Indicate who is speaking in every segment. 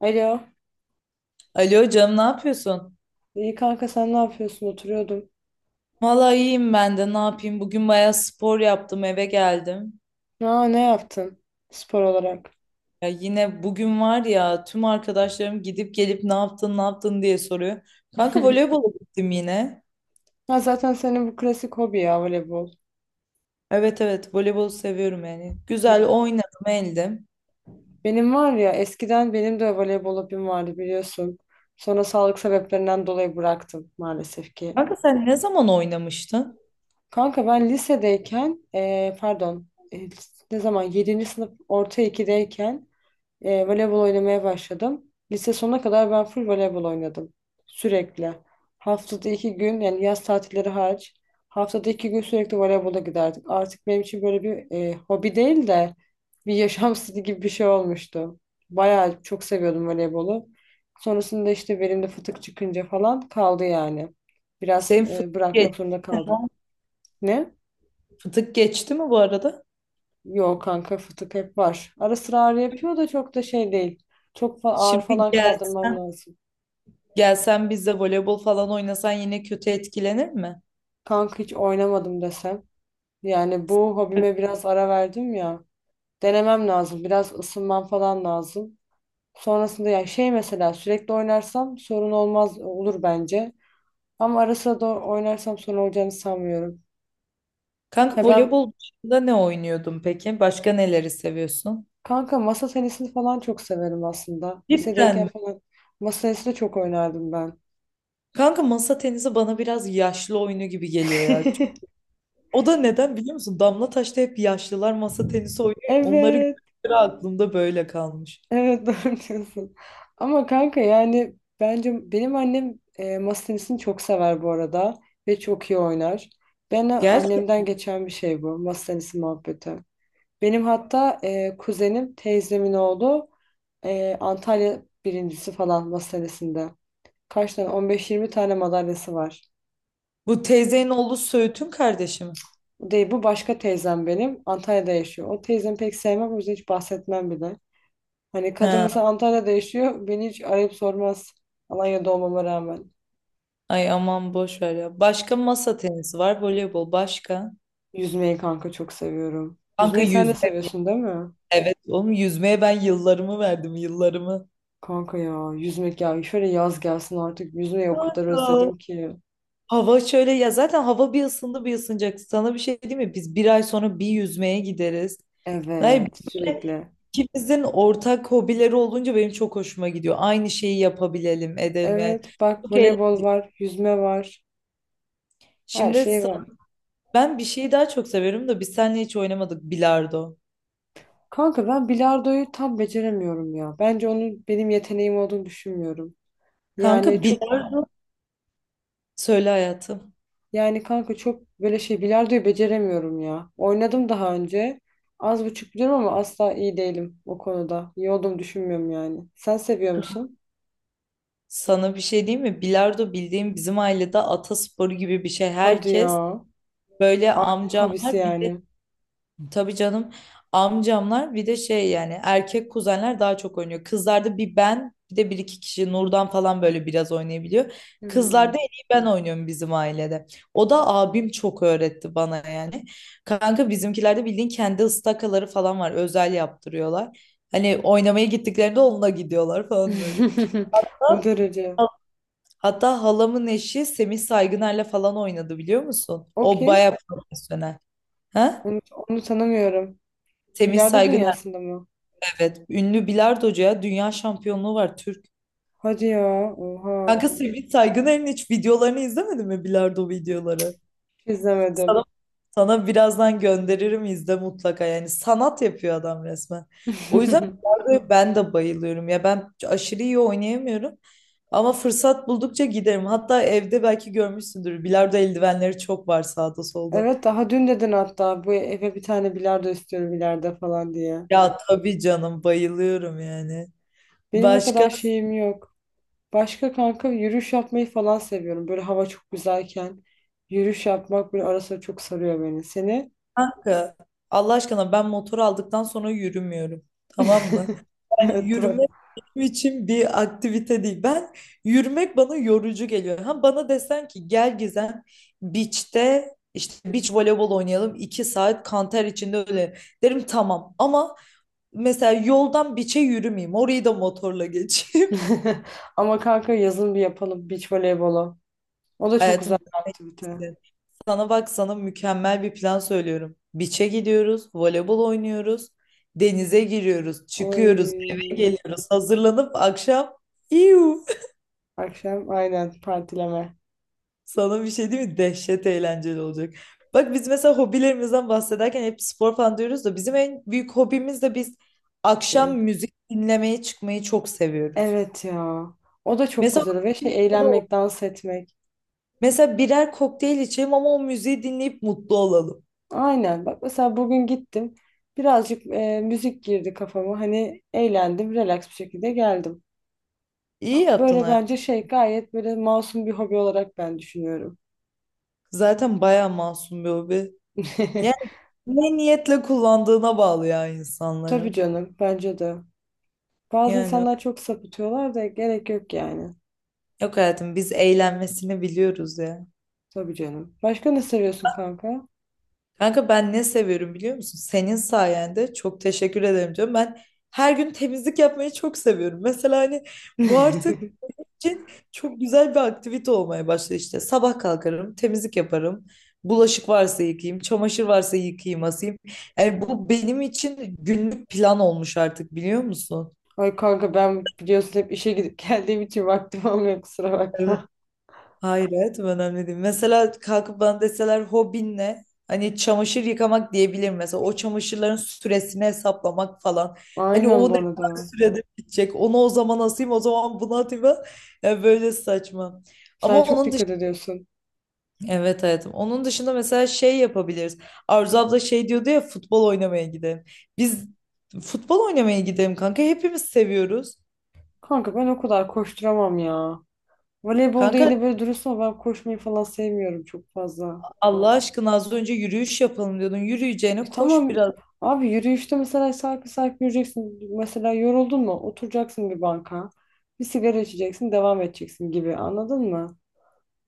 Speaker 1: Alo.
Speaker 2: Alo canım ne yapıyorsun?
Speaker 1: İyi kanka sen ne yapıyorsun? Oturuyordum.
Speaker 2: Vallahi iyiyim ben de ne yapayım? Bugün bayağı spor yaptım eve geldim.
Speaker 1: Aa, ne yaptın spor olarak?
Speaker 2: Ya yine bugün var ya tüm arkadaşlarım gidip gelip ne yaptın ne yaptın diye soruyor. Kanka voleybola gittim yine.
Speaker 1: Ha, zaten senin bu klasik hobi ya voleybol.
Speaker 2: Evet evet voleybolu seviyorum yani. Güzel oynadım eldim.
Speaker 1: Benim var ya eskiden benim de voleybol hobim vardı biliyorsun. Sonra sağlık sebeplerinden dolayı bıraktım maalesef ki.
Speaker 2: Kanka sen ne zaman oynamıştın?
Speaker 1: Kanka ben lisedeyken pardon, eee, ne zaman yedinci sınıf orta 2'deyken voleybol oynamaya başladım. Lise sonuna kadar ben full voleybol oynadım. Sürekli. Haftada 2 gün, yani yaz tatilleri hariç haftada 2 gün sürekli voleybola giderdik. Artık benim için böyle bir hobi değil de bir yaşam stili gibi bir şey olmuştu. Bayağı çok seviyordum voleybolu. Sonrasında işte belimde fıtık çıkınca falan kaldı yani. Biraz
Speaker 2: Senin fıtık, ge-
Speaker 1: bırakmak zorunda kaldım. Ne?
Speaker 2: fıtık geçti mi bu arada?
Speaker 1: Yok kanka, fıtık hep var. Ara sıra ağrı yapıyor da çok da şey değil. Çok ağır
Speaker 2: Şimdi
Speaker 1: falan
Speaker 2: gel.
Speaker 1: kaldırmam lazım.
Speaker 2: Gelsen biz de voleybol falan oynasan yine kötü etkilenir mi?
Speaker 1: Kanka hiç oynamadım desem. Yani bu hobime biraz ara verdim ya. Denemem lazım. Biraz ısınmam falan lazım. Sonrasında ya şey, mesela sürekli oynarsam sorun olmaz, olur bence. Ama ara sıra da oynarsam sorun olacağını sanmıyorum.
Speaker 2: Kanka
Speaker 1: Ya ben
Speaker 2: voleybol dışında ne oynuyordun peki? Başka neleri seviyorsun?
Speaker 1: kanka masa tenisini falan çok severim aslında.
Speaker 2: Cidden
Speaker 1: Lisedeyken
Speaker 2: mi?
Speaker 1: falan masa tenisi de çok oynardım ben.
Speaker 2: Kanka masa tenisi bana biraz yaşlı oyunu gibi geliyor ya. O da neden biliyor musun? Damla Taş'ta hep yaşlılar masa tenisi oynuyor ya, onları
Speaker 1: Evet.
Speaker 2: gördükleri aklımda böyle kalmış.
Speaker 1: Evet doğru diyorsun. Ama kanka yani bence benim annem masa tenisini çok sever bu arada ve çok iyi oynar. Ben
Speaker 2: Gel.
Speaker 1: annemden geçen bir şey bu masa tenisi muhabbeti. Benim hatta kuzenim, teyzemin oğlu, Antalya birincisi falan masa tenisinde. Kaç tane, 15-20 tane madalyası var.
Speaker 2: Bu teyzenin oğlu Söğüt'ün kardeşi mi?
Speaker 1: Bu değil, bu başka teyzem benim, Antalya'da yaşıyor. O teyzemi pek sevmem, o yüzden hiç bahsetmem bile. Hani kadın
Speaker 2: Ha,
Speaker 1: mesela Antalya'da yaşıyor, beni hiç arayıp sormaz. Alanya'da olmama rağmen.
Speaker 2: ay aman boş ver ya. Başka masa tenisi var, voleybol başka.
Speaker 1: Yüzmeyi kanka çok seviyorum.
Speaker 2: Kanka
Speaker 1: Yüzmeyi sen de
Speaker 2: yüzme.
Speaker 1: seviyorsun değil mi?
Speaker 2: Evet oğlum yüzmeye ben yıllarımı verdim yıllarımı.
Speaker 1: Kanka ya yüzmek ya. Şöyle yaz gelsin artık. Yüzmeyi o kadar
Speaker 2: Kanka.
Speaker 1: özledim ki.
Speaker 2: Hava şöyle ya, zaten hava bir ısındı bir ısınacak. Sana bir şey diyeyim mi? Biz bir ay sonra bir yüzmeye gideriz. Yani
Speaker 1: Evet,
Speaker 2: böyle
Speaker 1: sürekli.
Speaker 2: ikimizin ortak hobileri olunca benim çok hoşuma gidiyor. Aynı şeyi yapabilelim, edelim yani.
Speaker 1: Evet, bak
Speaker 2: Çok eğlen-
Speaker 1: voleybol var, yüzme var. Her
Speaker 2: Şimdi
Speaker 1: şey
Speaker 2: sa-
Speaker 1: var.
Speaker 2: ben bir şeyi daha çok severim de biz seninle hiç oynamadık bilardo.
Speaker 1: Kanka ben bilardoyu tam beceremiyorum ya. Bence onun benim yeteneğim olduğunu düşünmüyorum. Yani
Speaker 2: Kanka
Speaker 1: çok
Speaker 2: bilardo, söyle hayatım.
Speaker 1: Yani kanka çok böyle şey, bilardoyu beceremiyorum ya. Oynadım daha önce. Az buçuk biliyorum ama asla iyi değilim o konuda. İyi olduğumu düşünmüyorum yani. Sen seviyor musun?
Speaker 2: Sana bir şey diyeyim mi? Bilardo bildiğim bizim ailede atasporu gibi bir şey.
Speaker 1: Hadi ya.
Speaker 2: Herkes böyle
Speaker 1: Ailenin hobisi
Speaker 2: amcamlar bir de
Speaker 1: yani.
Speaker 2: tabii canım amcamlar bir de şey yani erkek kuzenler daha çok oynuyor. Kızlarda bir ben bir de bir iki kişi Nurdan falan böyle biraz oynayabiliyor. Kızlarda
Speaker 1: Hmm.
Speaker 2: en iyi ben oynuyorum bizim ailede. O da abim çok öğretti bana yani. Kanka bizimkilerde bildiğin kendi ıstakaları falan var. Özel yaptırıyorlar. Hani oynamaya gittiklerinde onunla gidiyorlar falan böyle.
Speaker 1: O
Speaker 2: Hatta
Speaker 1: derece.
Speaker 2: hatta halamın eşi Semih Saygıner'le falan oynadı biliyor musun?
Speaker 1: O
Speaker 2: O
Speaker 1: kim?
Speaker 2: baya profesyonel. Ha?
Speaker 1: Onu, onu tanımıyorum.
Speaker 2: Semih
Speaker 1: Bilardo
Speaker 2: Saygıner
Speaker 1: dünyasında mı?
Speaker 2: evet. Ünlü bilardocuya dünya şampiyonluğu var Türk.
Speaker 1: Hadi ya. Oha.
Speaker 2: Kanka Semih Saygıner'in hiç videolarını izlemedin mi, bilardo videoları?
Speaker 1: Hiç izlemedim.
Speaker 2: Sana, sana birazdan gönderirim, izle mutlaka, yani sanat yapıyor adam resmen. O yüzden bilardoya ben de bayılıyorum ya, ben aşırı iyi oynayamıyorum ama fırsat buldukça giderim. Hatta evde belki görmüşsündür, bilardo eldivenleri çok var sağda solda.
Speaker 1: Evet, daha dün dedin hatta, bu eve bir tane bilardo istiyorum ileride falan diye.
Speaker 2: Ya tabii canım, bayılıyorum yani.
Speaker 1: Benim o
Speaker 2: Başka
Speaker 1: kadar şeyim yok. Başka kanka yürüyüş yapmayı falan seviyorum. Böyle hava çok güzelken yürüyüş yapmak böyle arası çok sarıyor beni. Seni?
Speaker 2: kanka Allah aşkına ben motor aldıktan sonra yürümüyorum. Tamam mı? Yani
Speaker 1: Evet, doğru.
Speaker 2: yürümek benim için bir aktivite değil. Ben yürümek bana yorucu geliyor. Ha bana desen ki gel Gizem beach'te işte beach voleybol oynayalım, 2 saat kanter içinde, öyle derim tamam. Ama mesela yoldan beach'e yürümeyeyim. Orayı da motorla geçeyim.
Speaker 1: Ama kanka yazın bir yapalım beach voleybolu. O da çok güzel
Speaker 2: Hayatımda
Speaker 1: bir aktivite.
Speaker 2: sana bak, sana mükemmel bir plan söylüyorum. Beach'e gidiyoruz, voleybol oynuyoruz, denize giriyoruz, çıkıyoruz, eve
Speaker 1: Oy.
Speaker 2: geliyoruz, hazırlanıp akşam İyu.
Speaker 1: Akşam aynen partileme.
Speaker 2: Sana bir şey değil mi? Dehşet eğlenceli olacak. Bak biz mesela hobilerimizden bahsederken hep spor falan diyoruz da bizim en büyük hobimiz de biz akşam
Speaker 1: Değil.
Speaker 2: müzik dinlemeye çıkmayı çok seviyoruz.
Speaker 1: Evet ya. O da çok
Speaker 2: Mesela
Speaker 1: güzel ve şey,
Speaker 2: orada o-
Speaker 1: eğlenmek, dans etmek.
Speaker 2: mesela birer kokteyl içelim ama o müziği dinleyip mutlu olalım.
Speaker 1: Aynen. Bak mesela bugün gittim. Birazcık müzik girdi kafama. Hani eğlendim, relax bir şekilde geldim.
Speaker 2: İyi yaptın
Speaker 1: Böyle bence
Speaker 2: hayatım.
Speaker 1: şey, gayet böyle masum bir hobi olarak ben düşünüyorum.
Speaker 2: Zaten bayağı masum bir hobi. Ne niyetle kullandığına bağlı ya
Speaker 1: Tabii
Speaker 2: insanların.
Speaker 1: canım, bence de. Bazı
Speaker 2: Yani
Speaker 1: insanlar çok sapıtıyorlar da gerek yok yani.
Speaker 2: yok hayatım, biz eğlenmesini biliyoruz ya.
Speaker 1: Tabii canım. Başka ne seviyorsun kanka?
Speaker 2: Kanka ben ne seviyorum biliyor musun? Senin sayende, çok teşekkür ederim diyorum. Ben her gün temizlik yapmayı çok seviyorum. Mesela hani bu artık için çok güzel bir aktivite olmaya başladı işte. Sabah kalkarım, temizlik yaparım. Bulaşık varsa yıkayayım, çamaşır varsa yıkayayım, asayım. Yani bu benim için günlük plan olmuş artık, biliyor musun?
Speaker 1: Ay kanka, ben biliyorsun hep işe gidip geldiğim için vaktim olmuyor, kusura bakma.
Speaker 2: Hayır hayatım, önemli değil. Mesela kalkıp bana deseler hobin ne? Hani çamaşır yıkamak diyebilirim mesela. O çamaşırların süresini hesaplamak falan. Hani o
Speaker 1: Aynen bu
Speaker 2: ne kadar
Speaker 1: arada.
Speaker 2: sürede bitecek. Onu o zaman asayım, o zaman bunu atayım falan. Yani böyle saçma.
Speaker 1: Sen
Speaker 2: Ama
Speaker 1: çok
Speaker 2: onun dışında
Speaker 1: dikkat ediyorsun.
Speaker 2: evet hayatım. Onun dışında mesela şey yapabiliriz. Arzu abla şey diyordu ya, futbol oynamaya gidelim. Biz futbol oynamaya gidelim kanka. Hepimiz seviyoruz.
Speaker 1: Kanka ben o kadar koşturamam ya. Voleybolda
Speaker 2: Kanka
Speaker 1: yine böyle, dürüst ol, ben koşmayı falan sevmiyorum çok fazla.
Speaker 2: Allah aşkına az önce yürüyüş yapalım diyordun. Yürüyeceğine koş
Speaker 1: Tamam
Speaker 2: biraz.
Speaker 1: abi, yürüyüşte mesela sarkı sarkı yürüyeceksin. Mesela yoruldun mu? Oturacaksın bir banka. Bir sigara içeceksin, devam edeceksin gibi. Anladın mı?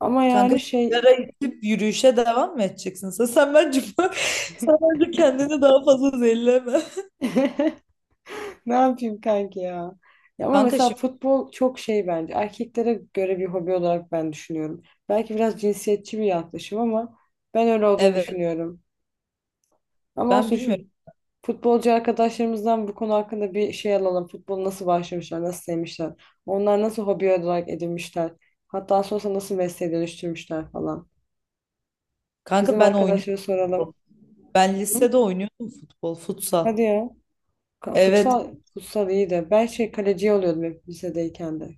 Speaker 1: Ama
Speaker 2: Kanka
Speaker 1: yani şey
Speaker 2: sigara içip yürüyüşe devam mı edeceksin? Sen bence sen bence kendini daha fazla zehirleme.
Speaker 1: ne yapayım kanki ya? Ya ama
Speaker 2: Kanka
Speaker 1: mesela
Speaker 2: şimdi
Speaker 1: futbol çok şey bence. Erkeklere göre bir hobi olarak ben düşünüyorum. Belki biraz cinsiyetçi bir yaklaşım ama ben öyle olduğunu
Speaker 2: evet,
Speaker 1: düşünüyorum. Ama
Speaker 2: ben
Speaker 1: olsun şu,
Speaker 2: bilmiyorum.
Speaker 1: futbolcu arkadaşlarımızdan bu konu hakkında bir şey alalım. Futbolu nasıl başlamışlar, nasıl sevmişler? Onlar nasıl hobi olarak edinmişler? Hatta sonrasında nasıl mesleğe dönüştürmüşler falan.
Speaker 2: Kanka
Speaker 1: Bizim
Speaker 2: ben
Speaker 1: arkadaşlara
Speaker 2: oynuyordum,
Speaker 1: soralım.
Speaker 2: ben
Speaker 1: Hı?
Speaker 2: lisede oynuyordum futbol,
Speaker 1: Hadi
Speaker 2: futsal.
Speaker 1: ya.
Speaker 2: Evet.
Speaker 1: Futsal, futsal iyi de. Ben şey kaleci oluyordum hep lisedeyken de.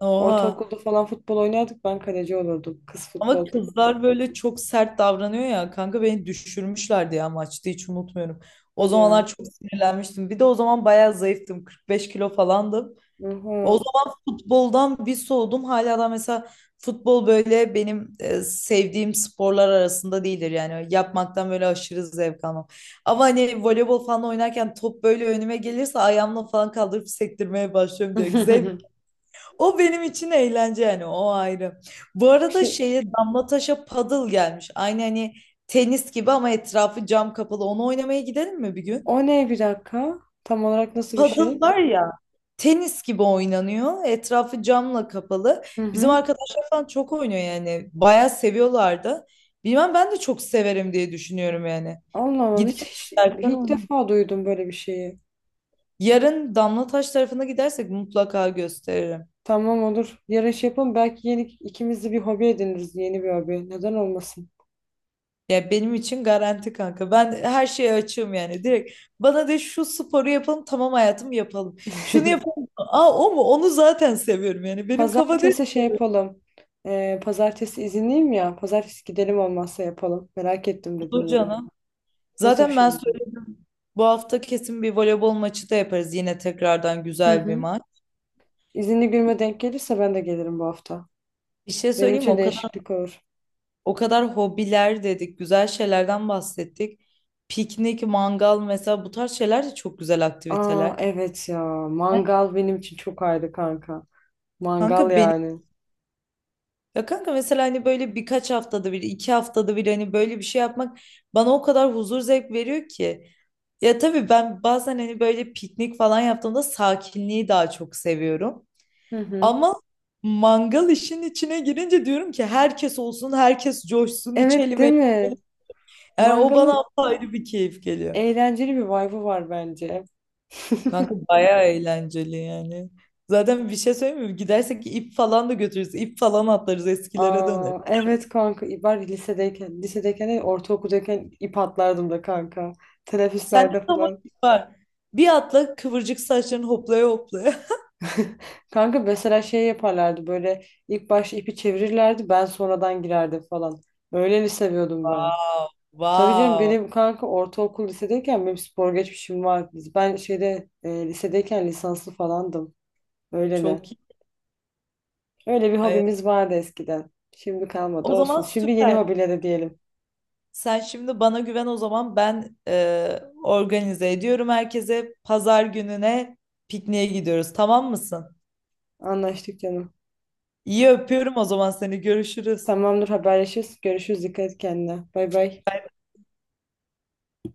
Speaker 2: Oha.
Speaker 1: Ortaokulda falan futbol oynardık. Ben kaleci olurdum. Kız
Speaker 2: Ama
Speaker 1: futbol takımı.
Speaker 2: kızlar böyle çok sert davranıyor ya. Kanka beni düşürmüşlerdi ya maçta, hiç unutmuyorum. O
Speaker 1: Hadi
Speaker 2: zamanlar
Speaker 1: ya.
Speaker 2: çok sinirlenmiştim. Bir de o zaman bayağı zayıftım. 45 kilo falandım. O
Speaker 1: Oha.
Speaker 2: zaman futboldan bir soğudum. Hala da mesela futbol böyle benim sevdiğim sporlar arasında değildir. Yani yapmaktan böyle aşırı zevk almam. Ama hani voleybol falan oynarken top böyle önüme gelirse ayağımla falan kaldırıp sektirmeye başlıyorum direkt. Zevk. O benim için eğlence yani, o ayrı. Bu arada
Speaker 1: Şey,
Speaker 2: şeye Damla Taş'a paddle gelmiş. Aynı hani tenis gibi ama etrafı cam kapalı. Onu oynamaya gidelim mi bir gün?
Speaker 1: o ne bir dakika? Tam olarak nasıl bir
Speaker 2: Padel
Speaker 1: şey?
Speaker 2: var ya, tenis gibi oynanıyor. Etrafı camla kapalı.
Speaker 1: Hı
Speaker 2: Bizim
Speaker 1: hı.
Speaker 2: arkadaşlar falan çok oynuyor yani. Bayağı seviyorlar da. Bilmem, ben de çok severim diye düşünüyorum yani.
Speaker 1: Allah Allah, hiç,
Speaker 2: Gidelim
Speaker 1: hiç-
Speaker 2: istersen
Speaker 1: ilk
Speaker 2: oynayalım.
Speaker 1: defa duydum böyle bir şeyi.
Speaker 2: Yarın Damlataş tarafına gidersek mutlaka gösteririm.
Speaker 1: Tamam, olur. Yarın şey yapalım. Belki yeni ikimiz de bir hobi ediniriz. Yeni bir hobi. Neden olmasın?
Speaker 2: Ya benim için garanti kanka. Ben her şeye açığım yani. Direkt bana de şu sporu yapalım, tamam hayatım yapalım. Şunu yapalım. Aa o mu? Onu zaten seviyorum yani. Benim kafa değil.
Speaker 1: Pazartesi şey yapalım. Pazartesi izinliyim ya. Pazartesi gidelim, olmazsa yapalım. Merak ettim dediğin
Speaker 2: Olur
Speaker 1: yere.
Speaker 2: canım.
Speaker 1: Nasıl bir
Speaker 2: Zaten
Speaker 1: şey
Speaker 2: ben
Speaker 1: acaba?
Speaker 2: söyledim. Bu hafta kesin bir voleybol maçı da yaparız. Yine tekrardan
Speaker 1: Hı
Speaker 2: güzel bir
Speaker 1: hı.
Speaker 2: maç.
Speaker 1: İzinli günüme denk gelirse ben de gelirim bu hafta.
Speaker 2: Bir şey
Speaker 1: Benim
Speaker 2: söyleyeyim mi?
Speaker 1: için
Speaker 2: O kadar
Speaker 1: değişiklik olur.
Speaker 2: o kadar hobiler dedik, güzel şeylerden bahsettik. Piknik, mangal mesela, bu tarz şeyler de çok güzel
Speaker 1: Aa
Speaker 2: aktiviteler.
Speaker 1: evet ya.
Speaker 2: Evet.
Speaker 1: Mangal benim için çok ayrı kanka. Mangal
Speaker 2: Kanka benim,
Speaker 1: yani.
Speaker 2: ya kanka mesela hani böyle birkaç haftada bir, 2 haftada bir hani böyle bir şey yapmak bana o kadar huzur zevk veriyor ki. Ya tabii ben bazen hani böyle piknik falan yaptığımda sakinliği daha çok seviyorum.
Speaker 1: Hı hı.
Speaker 2: Ama mangal işin içine girince diyorum ki herkes olsun, herkes coşsun,
Speaker 1: Evet
Speaker 2: içelim,
Speaker 1: değil mi?
Speaker 2: eğlenelim. Yani o
Speaker 1: Mangalın
Speaker 2: bana ayrı bir keyif geliyor.
Speaker 1: Eğlenceli bir vibe'ı var bence.
Speaker 2: Kanka bayağı eğlenceli yani. Zaten bir şey söyleyeyim mi? Gidersek ip falan da götürürüz. İp falan atlarız, eskilere döneriz.
Speaker 1: Aa, evet kanka ben lisedeyken, lisedeyken değil, ortaokuldayken ip atlardım da kanka.
Speaker 2: Sende
Speaker 1: Teneffüslerde
Speaker 2: tam o
Speaker 1: falan.
Speaker 2: ip var. Bir atla, kıvırcık saçların hoplaya hoplaya.
Speaker 1: Kanka mesela şey yaparlardı, böyle ilk başta ipi çevirirlerdi, ben sonradan girerdim falan. Öyle mi seviyordum ben?
Speaker 2: Wow,
Speaker 1: Tabii canım,
Speaker 2: wow.
Speaker 1: benim kanka ortaokul lisedeyken benim spor geçmişim var. Ben şeyde, lisedeyken lisanslı falandım. Öyle de.
Speaker 2: Çok iyi.
Speaker 1: Öyle bir
Speaker 2: Ay,
Speaker 1: hobimiz vardı eskiden. Şimdi kalmadı,
Speaker 2: o zaman
Speaker 1: olsun. Şimdi yeni
Speaker 2: süper.
Speaker 1: hobilere diyelim.
Speaker 2: Sen şimdi bana güven, o zaman ben organize ediyorum herkese. Pazar gününe pikniğe gidiyoruz, tamam mısın?
Speaker 1: Anlaştık canım.
Speaker 2: İyi, öpüyorum o zaman seni, görüşürüz.
Speaker 1: Tamamdır, haberleşiriz. Görüşürüz. Dikkat et kendine. Bay bay.